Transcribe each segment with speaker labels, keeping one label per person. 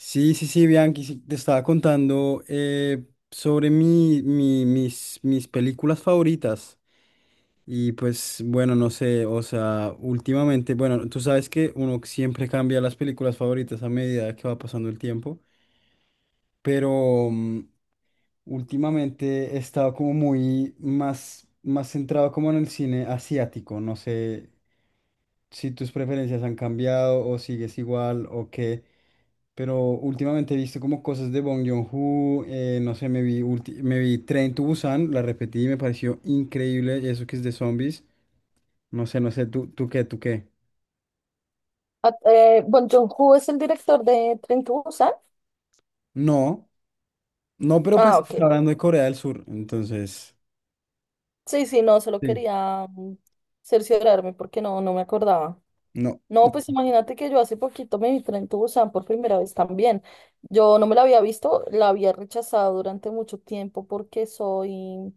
Speaker 1: Sí, sí, sí, Bianchi, sí, te estaba contando sobre mis películas favoritas. Y pues, bueno, no sé, o sea, últimamente, bueno, tú sabes que uno siempre cambia las películas favoritas a medida que va pasando el tiempo, pero últimamente he estado como muy más centrado como en el cine asiático. No sé si tus preferencias han cambiado o sigues igual o qué. Pero últimamente he visto como cosas de Bong Joon-ho, no sé, me vi Train to Busan, la repetí y me pareció increíble eso que es de zombies. No sé, no sé, tú qué?
Speaker 2: Bong Joon-ho es el director de Tren to Busan.
Speaker 1: No, no, pero pues
Speaker 2: Ah,
Speaker 1: está
Speaker 2: ok.
Speaker 1: hablando de Corea del Sur, entonces,
Speaker 2: Sí, sí, no, solo
Speaker 1: sí,
Speaker 2: quería cerciorarme porque no me acordaba.
Speaker 1: no.
Speaker 2: No, pues imagínate que yo hace poquito me vi Tren to Busan por primera vez también. Yo no me la había visto, la había rechazado durante mucho tiempo porque soy,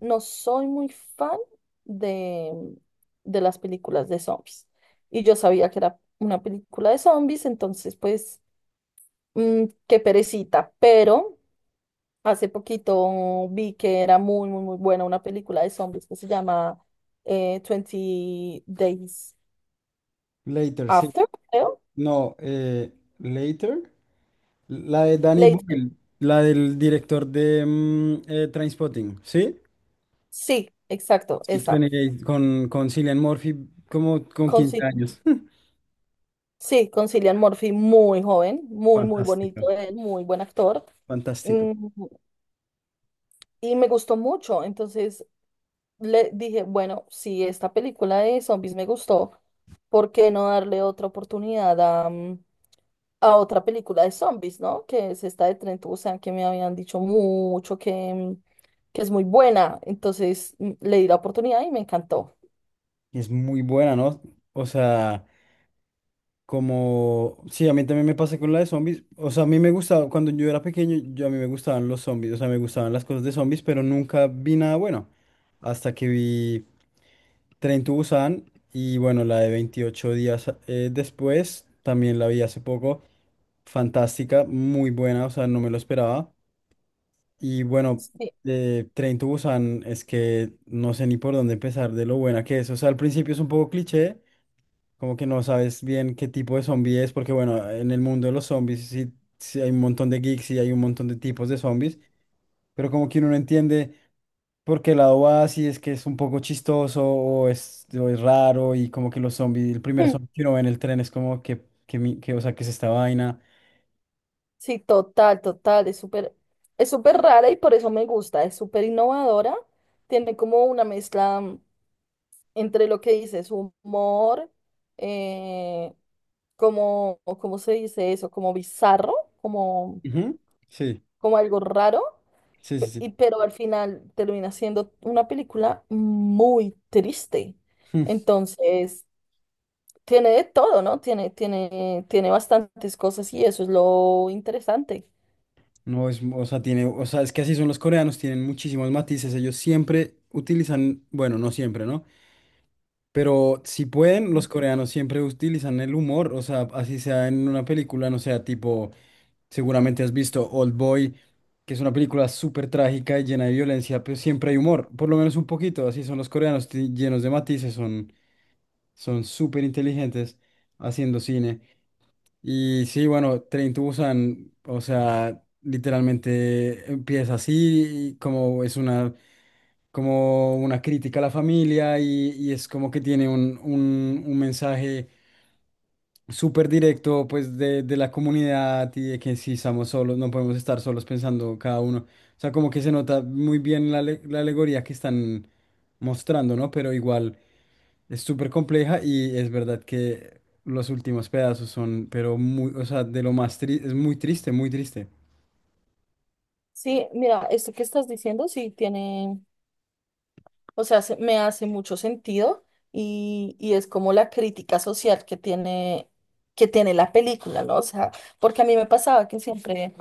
Speaker 2: no soy muy fan de, de las películas de zombies. Y yo sabía que era una película de zombies, entonces pues, qué perecita, pero Hace poquito vi que era muy, muy, muy buena una película de zombies que se llama 20 Days
Speaker 1: Later, sí.
Speaker 2: After, creo.
Speaker 1: No, Later, la de Danny
Speaker 2: Later.
Speaker 1: Boyle, la del director de Trainspotting, ¿sí?
Speaker 2: Sí, exacto,
Speaker 1: Sí,
Speaker 2: esa.
Speaker 1: 28, con Cillian Murphy como con 15
Speaker 2: Conci-
Speaker 1: años.
Speaker 2: sí, con Cillian Murphy, muy joven, muy, muy
Speaker 1: Fantástico,
Speaker 2: bonito él, muy buen actor.
Speaker 1: fantástico.
Speaker 2: Mm, y me gustó mucho. Entonces le dije, bueno, si esta película de zombies me gustó, ¿por qué no darle otra oportunidad a, a otra película de zombies, ¿no? Que es esta de tren Busan, que me habían dicho mucho que, que es muy buena. Entonces le di la oportunidad y me encantó.
Speaker 1: Es muy buena, ¿no? O sea, como... Sí, a mí también me pasa con la de zombies. O sea, a mí me gustaba, cuando yo era pequeño, yo a mí me gustaban los zombies, o sea, me gustaban las cosas de zombies, pero nunca vi nada bueno. Hasta que vi Tren to Busan y bueno, la de 28 días después, también la vi hace poco. Fantástica, muy buena, o sea, no me lo esperaba. Y bueno,
Speaker 2: Sí.
Speaker 1: Tren to Busan es que no sé ni por dónde empezar de lo buena que es. O sea, al principio es un poco cliché. Como que no sabes bien qué tipo de zombie es, porque bueno, en el mundo de los zombies sí, sí hay un montón de geeks y hay un montón de tipos de zombies, pero como que uno no entiende por qué lado va, si es que es un poco chistoso o o es raro y como que los zombies, el primer
Speaker 2: Hmm,
Speaker 1: zombie que uno ve en el tren es como o sea, que es esta vaina.
Speaker 2: sí, total, total. Es súper rara y por eso me gusta. Es súper innovadora. Tiene como una mezcla. Entre lo que dices, humor, eh, como, o ¿cómo se dice eso? Como bizarro, como,
Speaker 1: Ujú, sí,
Speaker 2: como algo raro,
Speaker 1: sí, sí, sí.
Speaker 2: pero al final termina siendo una película muy triste.
Speaker 1: Mm,
Speaker 2: Entonces, tiene de todo, ¿no? Tiene, tiene bastantes cosas y eso es lo interesante.
Speaker 1: no es, o sea, tiene, o sea, es que así son los coreanos, tienen muchísimos matices, ellos siempre utilizan, bueno, no siempre, ¿no? Pero si pueden, los coreanos siempre utilizan el humor, o sea, así sea en una película, no sea tipo, seguramente has visto Old Boy, que es una película súper trágica y llena de violencia, pero siempre hay humor, por lo menos un poquito, así son los coreanos, llenos de matices, son súper inteligentes haciendo cine. Y sí, bueno, Train to Busan, o sea, literalmente empieza así, y como es una como una crítica a la familia y es como que tiene un mensaje súper directo pues de la comunidad y de que si estamos solos, no podemos estar solos pensando cada uno. O sea, como que se nota muy bien la alegoría que están mostrando, ¿no? Pero igual es súper compleja y es verdad que los últimos pedazos son, pero muy, o sea, de lo más triste, es muy triste, muy triste.
Speaker 2: Sí, mira, esto que estás diciendo sí tiene. O sea, me hace mucho sentido y es como la crítica social que tiene la película, ¿no? O sea, porque a mí me pasaba que siempre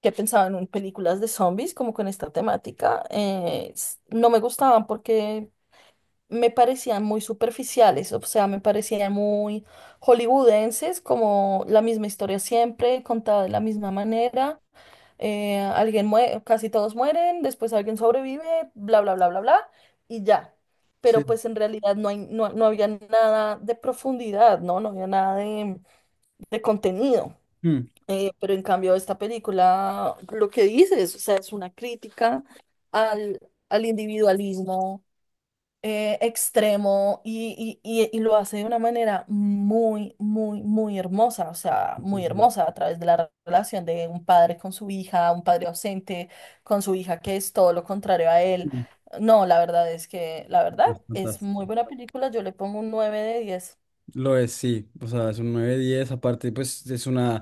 Speaker 2: que pensaba en películas de zombies, como con esta temática, no me gustaban porque me parecían muy superficiales, o sea, me parecían muy hollywoodenses, como la misma historia siempre, contada de la misma manera. Alguien muere, casi todos mueren, después alguien sobrevive, bla, bla, bla, bla, bla, y ya.
Speaker 1: Sí.
Speaker 2: Pero pues en realidad no hay, no había nada de profundidad, ¿no? No había nada de, de contenido.
Speaker 1: Mm.
Speaker 2: Pero en cambio esta película, lo que dices, o sea, es una crítica al, al individualismo extremo y lo hace de una manera muy, muy, muy hermosa, o sea,
Speaker 1: Sí,
Speaker 2: muy
Speaker 1: sí.
Speaker 2: hermosa a través de la relación de un padre con su hija, un padre ausente con su hija que es todo lo contrario a él.
Speaker 1: Mm.
Speaker 2: No, la verdad es que, la verdad, es muy
Speaker 1: Fantástico.
Speaker 2: buena película, yo le pongo un 9 de 10.
Speaker 1: Lo es, sí. O sea, es un 9/10. Aparte, pues es una.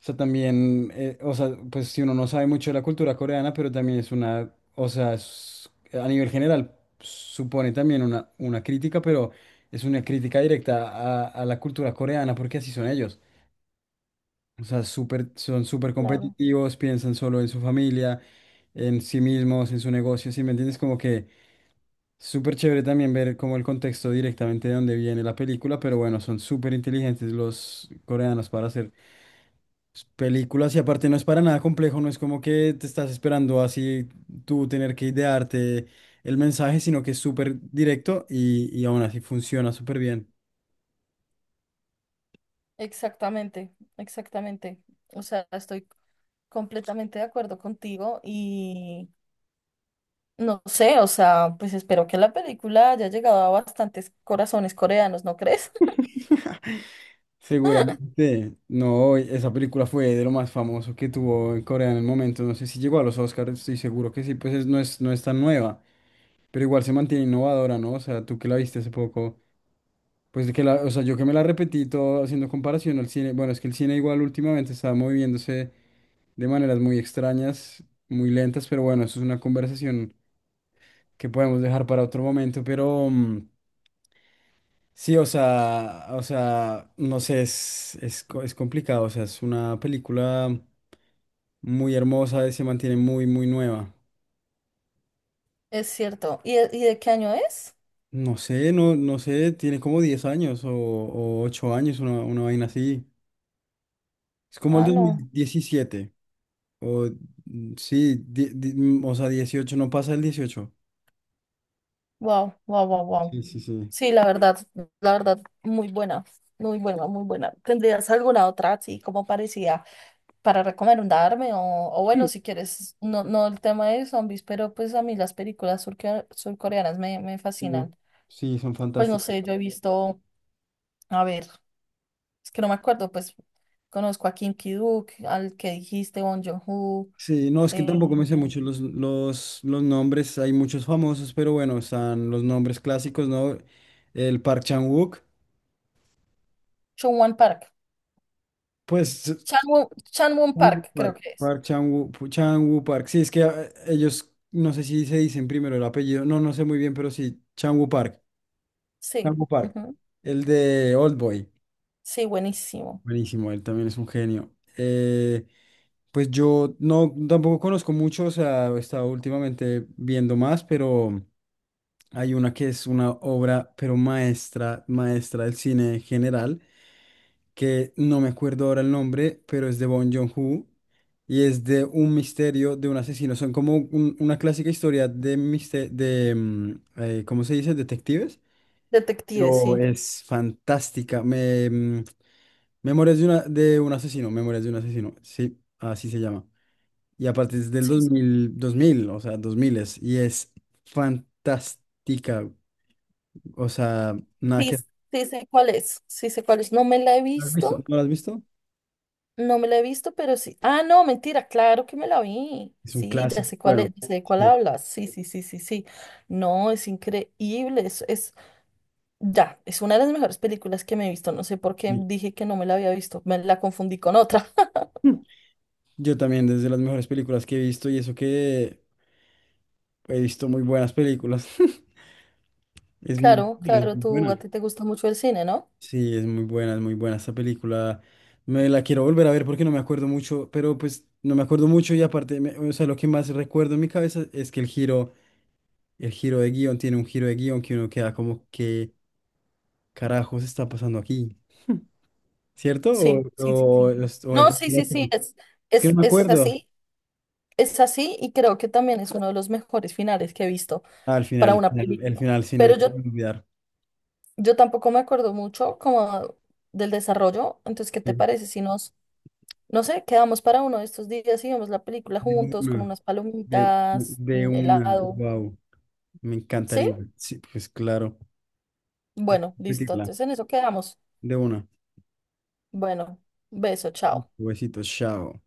Speaker 1: O sea, también. O sea, pues si uno no sabe mucho de la cultura coreana, pero también es una. O sea, a nivel general, supone también una crítica, pero es una crítica directa a la cultura coreana, porque así son ellos. O sea, súper, son súper
Speaker 2: Claro.
Speaker 1: competitivos, piensan solo en su familia, en sí mismos, en su negocio. ¿Sí me entiendes? Como que. Súper chévere también ver como el contexto directamente de dónde viene la película, pero bueno, son súper inteligentes los coreanos para hacer películas y aparte no es para nada complejo, no es como que te estás esperando así tú tener que idearte el mensaje, sino que es súper directo y aún así funciona súper bien.
Speaker 2: Exactamente, exactamente. O sea, estoy completamente de acuerdo contigo. No sé, o sea, pues espero que la película haya llegado a bastantes corazones coreanos, ¿no crees?
Speaker 1: Seguramente, no, esa película fue de lo más famoso que tuvo en Corea en el momento, no sé si llegó a los Oscars, estoy seguro que sí, pues no es, no es tan nueva. Pero igual se mantiene innovadora, ¿no? O sea, tú que la viste hace poco, pues de que la, o sea, yo que me la repetí todo haciendo comparación al cine, bueno, es que el cine igual últimamente estaba moviéndose de maneras muy extrañas, muy lentas, pero bueno, eso es una conversación que podemos dejar para otro momento, pero sí, o sea, no sé, es complicado, o sea, es una película muy hermosa y se mantiene muy, muy nueva.
Speaker 2: Es cierto. ¿Y, y de qué año es?
Speaker 1: No sé, no, no sé, tiene como 10 años o 8 años, una vaina así. Es como el
Speaker 2: Ah,
Speaker 1: dos mil
Speaker 2: no.
Speaker 1: diecisiete O sí, o sea, 18, no pasa el 18.
Speaker 2: Wow, wow, wow, wow.
Speaker 1: Sí, sí, sí.
Speaker 2: Sí, la verdad, muy buena, muy buena, muy buena. ¿Tendrías alguna otra así como parecida para recomendarme? O bueno, si quieres, no, no el tema de zombies, pero pues a mí las películas surcoreanas me, me
Speaker 1: Sí,
Speaker 2: fascinan.
Speaker 1: sí, son
Speaker 2: Pues no
Speaker 1: fantásticos.
Speaker 2: sé, yo he visto, a ver. Es que no me acuerdo, pues conozco a Kim Ki-duk, al que dijiste, Bong Joon-ho,
Speaker 1: Sí, no, es que
Speaker 2: eh,
Speaker 1: tampoco me sé mucho los nombres. Hay muchos famosos, pero bueno, están los nombres clásicos, ¿no? El Park Chan-wook.
Speaker 2: Chungwon Park,
Speaker 1: Pues, s-
Speaker 2: Chanwon, Chanwon
Speaker 1: Chan-wook
Speaker 2: Park creo
Speaker 1: Park,
Speaker 2: que es.
Speaker 1: Park Chan-wook, Chan-wook Park. Sí, es que ellos, no sé si se dicen primero el apellido. No, no sé muy bien, pero sí, Chan-wook Park.
Speaker 2: Sí,
Speaker 1: Chan-wook Park.
Speaker 2: ujú.
Speaker 1: El de Oldboy.
Speaker 2: Sí, buenísimo.
Speaker 1: Buenísimo, él también es un genio. Eh, pues yo no tampoco conozco mucho, o sea, he estado últimamente viendo más, pero hay una que es una obra, pero maestra, maestra del cine general, que no me acuerdo ahora el nombre, pero es de Bong Joon-ho y es de un misterio de un asesino. Son como una clásica historia de, ¿cómo se dice? Detectives.
Speaker 2: Detective,
Speaker 1: Pero
Speaker 2: sí.
Speaker 1: es fantástica. Memorias de, una, de un asesino, Memorias de un asesino, sí, así se llama. Y aparte es del
Speaker 2: Sí,
Speaker 1: dos
Speaker 2: sí,
Speaker 1: mil dos mil o sea, 2000 es, y es fantástica. O sea, nada
Speaker 2: sí,
Speaker 1: que...
Speaker 2: sí sé cuál es, sí sé cuál es. No me la he
Speaker 1: ¿Lo has visto?
Speaker 2: visto,
Speaker 1: ¿No la has visto?
Speaker 2: no me la he visto, pero sí. Ah, no, mentira, claro que me la vi.
Speaker 1: Es un
Speaker 2: Sí, ya
Speaker 1: clásico.
Speaker 2: sé cuál
Speaker 1: Bueno,
Speaker 2: es, ya sé de cuál
Speaker 1: sí,
Speaker 2: hablas. Sí, sí, sí, sí, sí. No, es increíble, ya, es una de las mejores películas que me he visto. No sé por qué
Speaker 1: sí.
Speaker 2: dije que no me la había visto. Me la confundí con otra.
Speaker 1: Mm. Yo también, desde las mejores películas que he visto, y eso que he visto muy buenas películas. Es muy
Speaker 2: Claro,
Speaker 1: buena, es
Speaker 2: claro,
Speaker 1: muy
Speaker 2: tú
Speaker 1: buena.
Speaker 2: a ti te gusta mucho el cine, ¿no?
Speaker 1: Sí, es muy buena esta película. Me la quiero volver a ver porque no me acuerdo mucho, pero pues no me acuerdo mucho y aparte, o sea, lo que más recuerdo en mi cabeza es que el giro de guión tiene un giro de guión que uno queda como, ¿qué carajos está pasando aquí? ¿Cierto?
Speaker 2: Sí, sí, sí,
Speaker 1: O,
Speaker 2: sí.
Speaker 1: es o de
Speaker 2: No,
Speaker 1: pronto
Speaker 2: sí,
Speaker 1: ya
Speaker 2: sí, sí, es,
Speaker 1: es que no
Speaker 2: es,
Speaker 1: me
Speaker 2: es
Speaker 1: acuerdo.
Speaker 2: así, es así y creo que también es uno de los mejores finales que he visto
Speaker 1: Ah, al
Speaker 2: para
Speaker 1: final,
Speaker 2: una película.
Speaker 1: final sí,
Speaker 2: Pero
Speaker 1: nunca me
Speaker 2: yo,
Speaker 1: voy a olvidar.
Speaker 2: yo tampoco me acuerdo mucho como del desarrollo. Entonces, ¿qué te
Speaker 1: Sí,
Speaker 2: parece si nos, no sé, quedamos para uno de estos días y vemos la película
Speaker 1: de
Speaker 2: juntos con
Speaker 1: una,
Speaker 2: unas palomitas,
Speaker 1: de
Speaker 2: un
Speaker 1: una,
Speaker 2: helado?
Speaker 1: wow, me
Speaker 2: ¿Sí?
Speaker 1: encantaría. Sí, pues claro, hay que
Speaker 2: Bueno, listo.
Speaker 1: repetirla,
Speaker 2: Entonces en eso quedamos.
Speaker 1: de una.
Speaker 2: Bueno, beso, chao.
Speaker 1: Huesitos, chao.